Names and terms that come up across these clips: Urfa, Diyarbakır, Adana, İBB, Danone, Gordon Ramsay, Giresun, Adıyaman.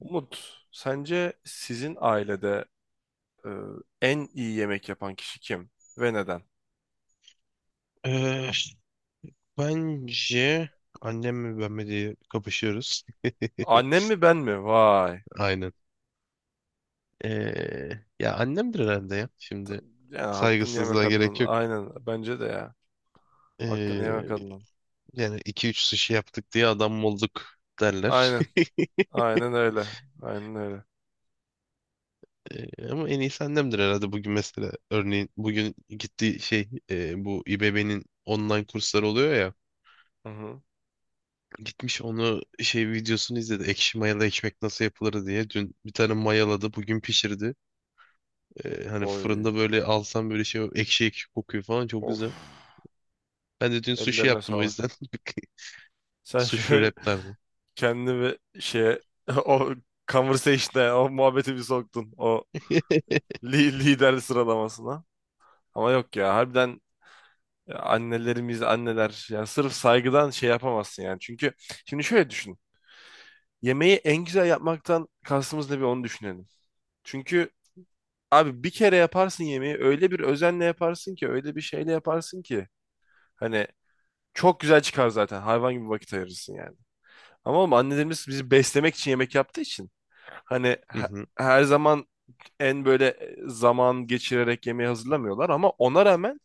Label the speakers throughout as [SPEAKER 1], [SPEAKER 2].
[SPEAKER 1] Umut, sence sizin ailede e, en iyi yemek yapan kişi kim ve neden?
[SPEAKER 2] Ee, Bence annemle ben mi diye kapışıyoruz.
[SPEAKER 1] Annem mi ben mi? Vay.
[SPEAKER 2] Aynen. Ee, Ya annemdir herhalde ya. Şimdi
[SPEAKER 1] Yani hakkını yemek
[SPEAKER 2] saygısızlığa
[SPEAKER 1] kadının.
[SPEAKER 2] gerek yok.
[SPEAKER 1] Aynen. Bence de ya. Hakkını
[SPEAKER 2] Ee,
[SPEAKER 1] yemek kadının.
[SPEAKER 2] Yani iki üç sushi yaptık diye adam mı olduk derler.
[SPEAKER 1] Aynen. Aynen öyle. Aynen öyle.
[SPEAKER 2] Ama en iyisi annemdir herhalde. Bugün mesela, örneğin, bugün gittiği şey, bu İBB'nin online kursları oluyor ya.
[SPEAKER 1] Hı hı.
[SPEAKER 2] Gitmiş onu şey, videosunu izledi. Ekşi mayalı ekmek nasıl yapılır diye. Dün bir tane mayaladı. Bugün pişirdi. Hani fırında
[SPEAKER 1] Oy.
[SPEAKER 2] böyle alsam, böyle şey, ekşi ekşi kokuyor falan, çok
[SPEAKER 1] Of.
[SPEAKER 2] güzel. Ben de dün sushi
[SPEAKER 1] Ellerine
[SPEAKER 2] yaptım, o
[SPEAKER 1] sağlık.
[SPEAKER 2] yüzden
[SPEAKER 1] Sen
[SPEAKER 2] sushi
[SPEAKER 1] şöyle
[SPEAKER 2] wraplerden.
[SPEAKER 1] kendini bir şeye o conversation'a o muhabbeti bir soktun. O lider sıralamasına. Ama yok ya. Harbiden ya. Annelerimiz, anneler. Yani sırf saygıdan şey yapamazsın yani. Çünkü şimdi şöyle düşün. Yemeği en güzel yapmaktan kastımız ne, bir onu düşünelim. Çünkü abi bir kere yaparsın yemeği, öyle bir özenle yaparsın ki, öyle bir şeyle yaparsın ki hani çok güzel çıkar zaten, hayvan gibi vakit ayırırsın yani. Ama oğlum annelerimiz bizi beslemek için yemek yaptığı için hani
[SPEAKER 2] Hı hı.
[SPEAKER 1] her zaman en böyle zaman geçirerek yemeği hazırlamıyorlar, ama ona rağmen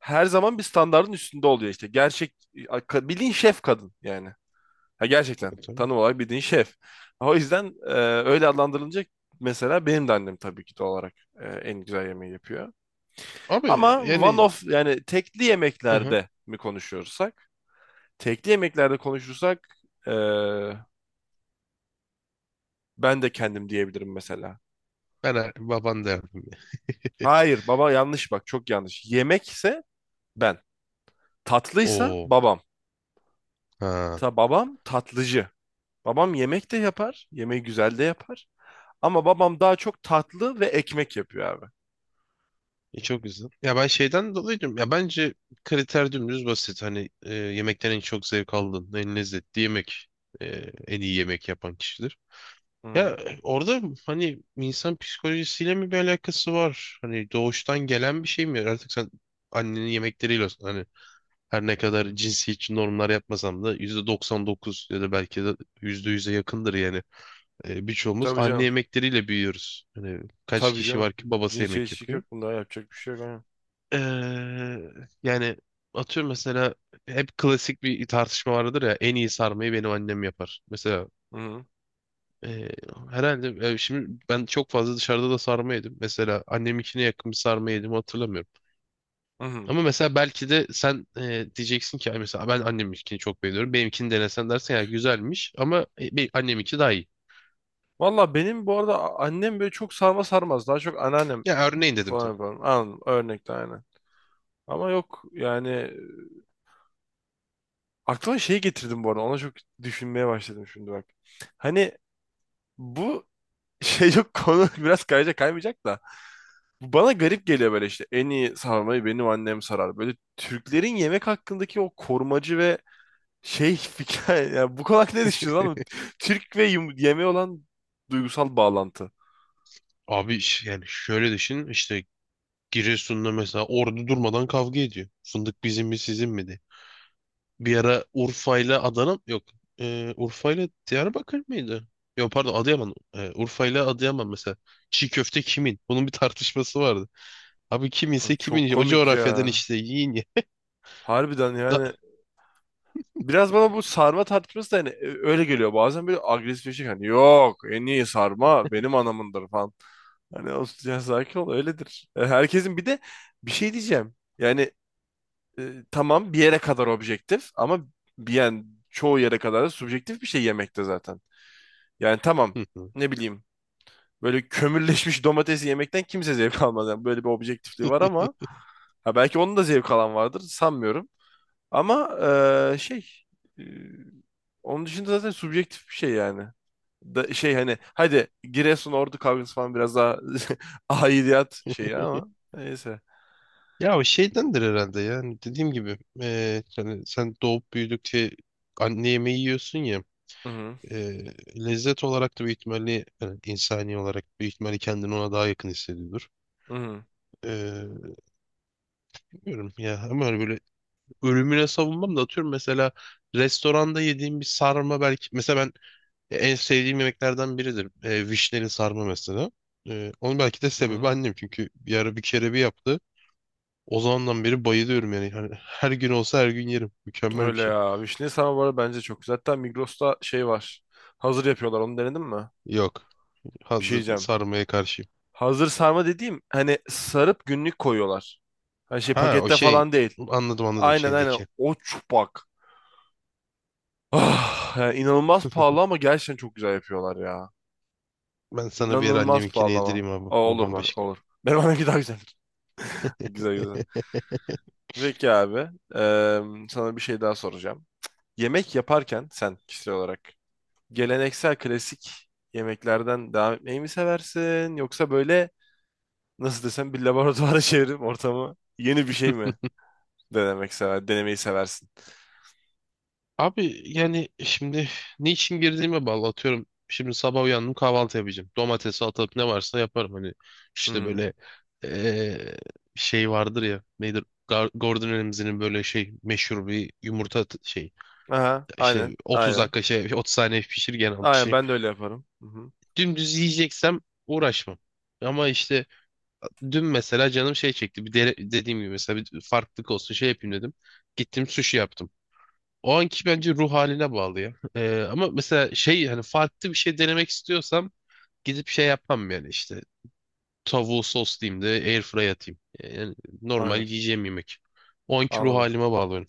[SPEAKER 1] her zaman bir standardın üstünde oluyor işte. Gerçek bildiğin şef kadın yani. Ha, gerçekten
[SPEAKER 2] Tabii.
[SPEAKER 1] tanım olarak bildiğin şef. O yüzden öyle adlandırılınca mesela benim de annem tabii ki doğal olarak en güzel yemeği yapıyor.
[SPEAKER 2] Abi
[SPEAKER 1] Ama one
[SPEAKER 2] yani,
[SPEAKER 1] of, yani tekli
[SPEAKER 2] hı hı.
[SPEAKER 1] yemeklerde mi konuşuyorsak? Tekli yemeklerde konuşursak e, ben de kendim diyebilirim mesela.
[SPEAKER 2] Ben baban derdim ya.
[SPEAKER 1] Hayır, baba yanlış, bak çok yanlış. Yemekse ben. Tatlıysa
[SPEAKER 2] Oo.
[SPEAKER 1] babam.
[SPEAKER 2] Ha.
[SPEAKER 1] Ta babam tatlıcı. Babam yemek de yapar. Yemeği güzel de yapar. Ama babam daha çok tatlı ve ekmek yapıyor abi.
[SPEAKER 2] Çok güzel. Ya, ben şeyden dolayı diyorum. Ya bence kriter dümdüz basit. Hani yemekten en çok zevk aldın. En lezzetli yemek, e, en iyi yemek yapan kişidir. Ya
[SPEAKER 1] Hı.
[SPEAKER 2] orada, hani, insan psikolojisiyle mi bir alakası var? Hani doğuştan gelen bir şey mi? Artık sen annenin yemekleriyle, hani, her ne kadar cinsiyetçi normlar yapmasam da %99 ya da belki de %100'e yakındır yani. Birçoğumuz
[SPEAKER 1] Tabii
[SPEAKER 2] anne
[SPEAKER 1] canım.
[SPEAKER 2] yemekleriyle büyüyoruz. Hani kaç
[SPEAKER 1] Tabii
[SPEAKER 2] kişi var
[SPEAKER 1] canım.
[SPEAKER 2] ki babası yemek
[SPEAKER 1] Cinsiyetçilik
[SPEAKER 2] yapıyor?
[SPEAKER 1] yok bunda. Yapacak bir şey yok. Aynen.
[SPEAKER 2] Eee, Yani, atıyorum, mesela hep klasik bir tartışma vardır ya, en iyi sarmayı benim annem yapar. Mesela
[SPEAKER 1] Hı
[SPEAKER 2] eee, herhalde şimdi ben çok fazla dışarıda da sarma yedim. Mesela, anneminkine yakın bir sarma yedim hatırlamıyorum.
[SPEAKER 1] hı. Hı.
[SPEAKER 2] Ama mesela belki de sen diyeceksin ki, "Ay, mesela ben anneminkini çok beğeniyorum. Benimkini denesen, dersen ya güzelmiş, ama anneminki daha iyi."
[SPEAKER 1] Valla benim bu arada annem böyle çok sarma sarmaz. Daha çok anneannem
[SPEAKER 2] Ya, örneğin dedim
[SPEAKER 1] falan
[SPEAKER 2] tabii.
[SPEAKER 1] yapar. Anladım. Örnekte aynen. Ama yok yani. Aklıma şey getirdim bu arada. Ona çok düşünmeye başladım şimdi, bak. Hani bu şey yok konu biraz kayacak kaymayacak da. Bu bana garip geliyor böyle işte. En iyi sarmayı benim annem sarar. Böyle Türklerin yemek hakkındaki o korumacı ve şey fikir. Ya bu konu hakkında ne düşünüyorsun oğlum? Türk ve yemeğe olan duygusal bağlantı.
[SPEAKER 2] Abi yani şöyle düşün işte, Giresun'da, mesela, ordu durmadan kavga ediyor. Fındık bizim mi, sizin mi diye. Bir ara Urfa ile Adana, yok, Urfa ile Diyarbakır mıydı? Yok, pardon, Adıyaman. Urfa ile Adıyaman mesela. Çiğ köfte kimin? Bunun bir tartışması vardı. Abi, kim ise
[SPEAKER 1] Abi çok
[SPEAKER 2] kimin. O
[SPEAKER 1] komik
[SPEAKER 2] coğrafyadan,
[SPEAKER 1] ya.
[SPEAKER 2] işte, yiyin ya.
[SPEAKER 1] Harbiden
[SPEAKER 2] Da-
[SPEAKER 1] yani. Biraz bana bu sarma tartışması da hani öyle geliyor. Bazen böyle agresifleşik, hani yok en iyi sarma benim anamındır falan. Hani o, ya sakin ol öyledir. E, herkesin bir de bir şey diyeceğim. Yani tamam bir yere kadar objektif ama bir, yani çoğu yere kadar da subjektif bir şey yemekte zaten. Yani tamam,
[SPEAKER 2] Hı hı.
[SPEAKER 1] ne bileyim böyle kömürleşmiş domatesi yemekten kimse zevk almaz. Yani böyle bir objektifliği var ama ha, belki onun da zevk alan vardır, sanmıyorum. Ama eee, onun dışında zaten subjektif bir şey yani. Da, şey hani hadi Giresun Ordu kavgası falan biraz daha aidiyat şeyi ama neyse.
[SPEAKER 2] Ya, o şeydendir herhalde, yani, dediğim gibi yani sen doğup büyüdükçe anne yemeği yiyorsun ya,
[SPEAKER 1] Hı hı.
[SPEAKER 2] eee, lezzet olarak da büyük ihtimalle, yani insani olarak büyük ihtimalle, kendini ona daha yakın hissediyordur.
[SPEAKER 1] Hı hı.
[SPEAKER 2] Eee bilmiyorum ya, ama öyle ürününe savunmam da, atıyorum, mesela restoranda yediğim bir sarma, belki mesela ben, en sevdiğim yemeklerden biridir. Vişneli sarma mesela. Onun belki de
[SPEAKER 1] Hı
[SPEAKER 2] sebebi
[SPEAKER 1] hı.
[SPEAKER 2] annem, çünkü bir ara, bir kere, bir yaptı. O zamandan beri bayılıyorum yani. Hani, her gün olsa her gün yerim. Mükemmel bir
[SPEAKER 1] Öyle
[SPEAKER 2] şey.
[SPEAKER 1] ya. Vişne samovarı bence çok güzel. Hatta Migros'ta şey var. Hazır yapıyorlar. Onu denedin mi?
[SPEAKER 2] Yok.
[SPEAKER 1] Bir şey
[SPEAKER 2] Hazır
[SPEAKER 1] diyeceğim.
[SPEAKER 2] sarmaya karşıyım.
[SPEAKER 1] Hazır sarma dediğim hani sarıp günlük koyuyorlar. Hani şey
[SPEAKER 2] Ha, o
[SPEAKER 1] pakette
[SPEAKER 2] şey.
[SPEAKER 1] falan değil.
[SPEAKER 2] Anladım, anladım,
[SPEAKER 1] Aynen aynen.
[SPEAKER 2] şeydeki.
[SPEAKER 1] O çupak. Ah, yani inanılmaz pahalı ama gerçekten çok güzel yapıyorlar ya.
[SPEAKER 2] Ben sana bir ara
[SPEAKER 1] İnanılmaz
[SPEAKER 2] anneminkini
[SPEAKER 1] pahalı ama.
[SPEAKER 2] yedireyim abi.
[SPEAKER 1] Aa,
[SPEAKER 2] O
[SPEAKER 1] olur bak
[SPEAKER 2] bambaşka.
[SPEAKER 1] olur. Benim annemki daha güzel. Güzel güzel. Peki abi. Eee, sana bir şey daha soracağım. Yemek yaparken sen kişisel olarak geleneksel klasik yemeklerden devam etmeyi mi seversin? Yoksa böyle, nasıl desem, bir laboratuvara çevirip ortamı yeni bir şey mi denemeyi seversin?
[SPEAKER 2] Abi yani, şimdi niçin girdiğime bağlı, atıyorum. Şimdi sabah uyandım, kahvaltı yapacağım. Domates, salatalık, ne varsa yaparım. Hani,
[SPEAKER 1] Hı
[SPEAKER 2] işte
[SPEAKER 1] hı.
[SPEAKER 2] böyle, eee, şey vardır ya. Nedir? Gordon Ramsay'nin böyle şey, meşhur bir yumurta şey.
[SPEAKER 1] Aha,
[SPEAKER 2] İşte
[SPEAKER 1] aynen
[SPEAKER 2] 30
[SPEAKER 1] aynen.
[SPEAKER 2] dakika, şey, 30 saniye pişir, gene
[SPEAKER 1] Aynen
[SPEAKER 2] pişir.
[SPEAKER 1] ben de öyle yaparım. Hı hı.
[SPEAKER 2] Dümdüz yiyeceksem uğraşmam. Ama işte dün, mesela, canım şey çekti. Bir dediğim gibi, mesela bir farklılık olsun, şey yapayım dedim. Gittim sushi yaptım. O anki bence ruh haline bağlı ya. Ama mesela, şey, hani farklı bir şey denemek istiyorsam gidip şey yapmam, yani işte tavuğu soslayayım da airfryer atayım. Yani normal
[SPEAKER 1] Aynen,
[SPEAKER 2] yiyeceğim yemek. O anki ruh
[SPEAKER 1] anladım.
[SPEAKER 2] halime bağlıyorum.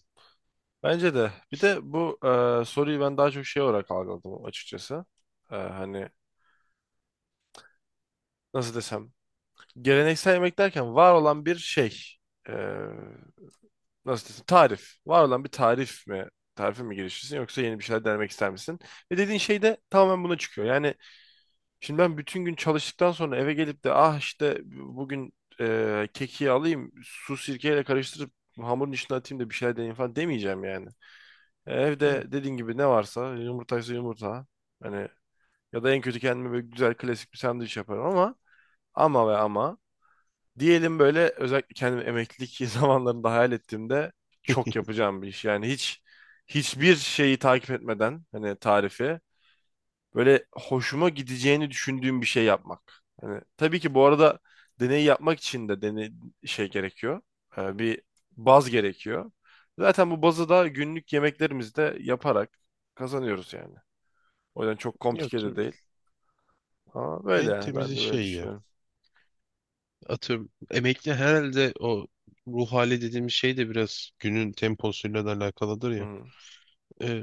[SPEAKER 1] Bence de. Bir de bu soruyu ben daha çok şey olarak algıladım açıkçası. E, hani nasıl desem. Geleneksel yemek derken var olan bir şey. E, nasıl desem. Tarif. Var olan bir tarif mi? Tarife mi girişirsin, yoksa yeni bir şeyler denemek ister misin? Ve dediğin şey de tamamen buna çıkıyor. Yani şimdi ben bütün gün çalıştıktan sonra eve gelip de ah işte bugün keki alayım, su sirkeyle karıştırıp hamurun içine atayım da bir şeyler deneyeyim falan demeyeceğim yani. E,
[SPEAKER 2] Yani,
[SPEAKER 1] evde dediğin gibi ne varsa, yumurtaysa yumurta. Hani ya da en kötü kendime böyle güzel klasik bir sandviç yaparım, ama ama ve ama diyelim böyle, özellikle kendimi emeklilik zamanlarında hayal ettiğimde çok yapacağım bir iş. Yani hiçbir şeyi takip etmeden hani tarifi, böyle hoşuma gideceğini düşündüğüm bir şey yapmak. Hani tabii ki bu arada deneyi yapmak için de deney şey gerekiyor. Bir baz gerekiyor. Zaten bu bazı da günlük yemeklerimizde yaparak kazanıyoruz yani. O yüzden çok
[SPEAKER 2] evet,
[SPEAKER 1] komplike de değil. Ama böyle
[SPEAKER 2] en
[SPEAKER 1] yani ben
[SPEAKER 2] temizi
[SPEAKER 1] de böyle
[SPEAKER 2] şey ya.
[SPEAKER 1] düşünüyorum.
[SPEAKER 2] Atıyorum, emekli, herhalde o ruh hali dediğimiz şey de biraz günün temposuyla da alakalıdır ya.
[SPEAKER 1] Hı.
[SPEAKER 2] Ee,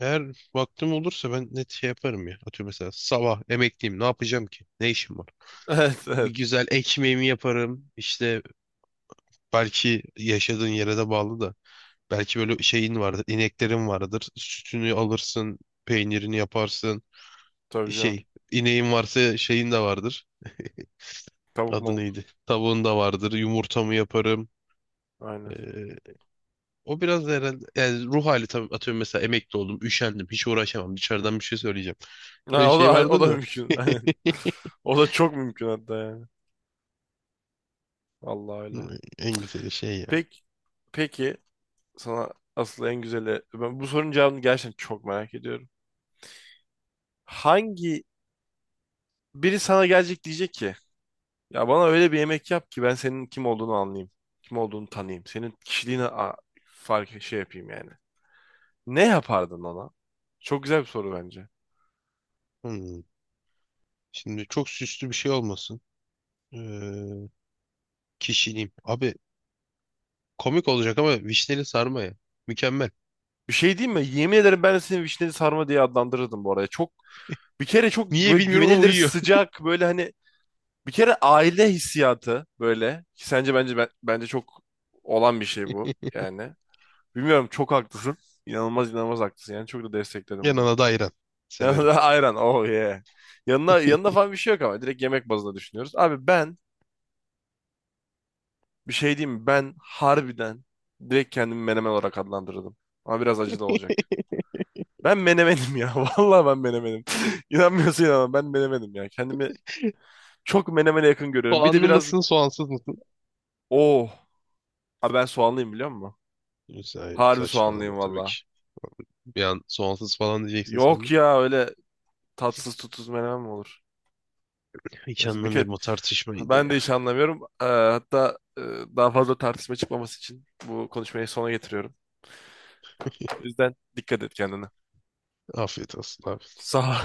[SPEAKER 2] Eğer vaktim olursa ben net şey yaparım ya. Atıyorum, mesela sabah, emekliyim, ne yapacağım ki? Ne işim var?
[SPEAKER 1] Evet evet.
[SPEAKER 2] Bir güzel ekmeğimi yaparım. İşte, belki yaşadığın yere de bağlı da. Belki böyle şeyin vardır, ineklerin vardır. Sütünü alırsın, peynirini yaparsın.
[SPEAKER 1] Tabii canım.
[SPEAKER 2] İneğin varsa şeyin de vardır.
[SPEAKER 1] Tavuk
[SPEAKER 2] Adı
[SPEAKER 1] mavuk.
[SPEAKER 2] neydi? Tavuğun da vardır. Yumurtamı yaparım.
[SPEAKER 1] Aynen.
[SPEAKER 2] Ee, O biraz da herhalde, yani ruh hali, tabii, atıyorum, mesela emekli oldum, üşendim, hiç uğraşamam. Dışarıdan bir şey söyleyeceğim.
[SPEAKER 1] Ha,
[SPEAKER 2] Öyle
[SPEAKER 1] o
[SPEAKER 2] şey
[SPEAKER 1] da o
[SPEAKER 2] vardı
[SPEAKER 1] da
[SPEAKER 2] da.
[SPEAKER 1] mümkün. Aynen. O da çok mümkün hatta yani. Vallahi
[SPEAKER 2] Hmm,
[SPEAKER 1] öyle.
[SPEAKER 2] En güzeli şey ya.
[SPEAKER 1] Peki, peki, sana asıl en güzeli. Ben bu sorunun cevabını gerçekten çok merak ediyorum. Hangi biri sana gelecek diyecek ki ya bana öyle bir yemek yap ki ben senin kim olduğunu anlayayım. Kim olduğunu tanıyayım. Senin kişiliğini fark şey yapayım yani. Ne yapardın ona? Çok güzel bir soru bence.
[SPEAKER 2] Hmm. Şimdi, çok süslü bir şey olmasın. Ee, Kişiliğim. Abi, komik olacak, ama vişneli sarmaya. Mükemmel.
[SPEAKER 1] Bir şey diyeyim mi? Yemin ederim ben de seni vişneli sarma diye adlandırırdım bu arada. Çok, bir kere çok
[SPEAKER 2] Niye
[SPEAKER 1] böyle
[SPEAKER 2] bilmiyorum ama
[SPEAKER 1] güvenilir,
[SPEAKER 2] uyuyor.
[SPEAKER 1] sıcak, böyle hani bir kere aile hissiyatı böyle ki sence bence ben, bence çok olan bir şey bu yani. Bilmiyorum, çok haklısın. İnanılmaz inanılmaz haklısın. Yani çok da destekledim bunu.
[SPEAKER 2] Yanına da ayran. Severim.
[SPEAKER 1] Ayran. Oh yeah. Yanına, yanında falan bir şey yok ama. Direkt yemek bazında düşünüyoruz. Abi ben bir şey diyeyim mi? Ben harbiden direkt kendimi menemen olarak adlandırdım. Ama biraz acı da olacak. Ben menemenim ya. Vallahi ben menemenim. İnanmıyorsun ama ben menemenim ya. Kendimi çok menemene yakın görüyorum. Bir de
[SPEAKER 2] Soğanlı
[SPEAKER 1] biraz...
[SPEAKER 2] mısın, soğansız mısın?
[SPEAKER 1] Oh. Abi ben soğanlıyım biliyor musun? Harbi
[SPEAKER 2] Saçmalama
[SPEAKER 1] soğanlıyım
[SPEAKER 2] tabii
[SPEAKER 1] valla.
[SPEAKER 2] ki. Bir an soğansız falan diyeceksin
[SPEAKER 1] Yok
[SPEAKER 2] sandım.
[SPEAKER 1] ya, öyle tatsız tutsuz menemen mi olur?
[SPEAKER 2] Hiç
[SPEAKER 1] Neyse, bir kere
[SPEAKER 2] anlamıyorum o tartışmayı da
[SPEAKER 1] ben de
[SPEAKER 2] ya.
[SPEAKER 1] hiç anlamıyorum. Hatta daha fazla tartışma çıkmaması için bu konuşmayı sona getiriyorum. O yüzden dikkat et kendine.
[SPEAKER 2] Afiyet olsun abi.
[SPEAKER 1] Sağ ol.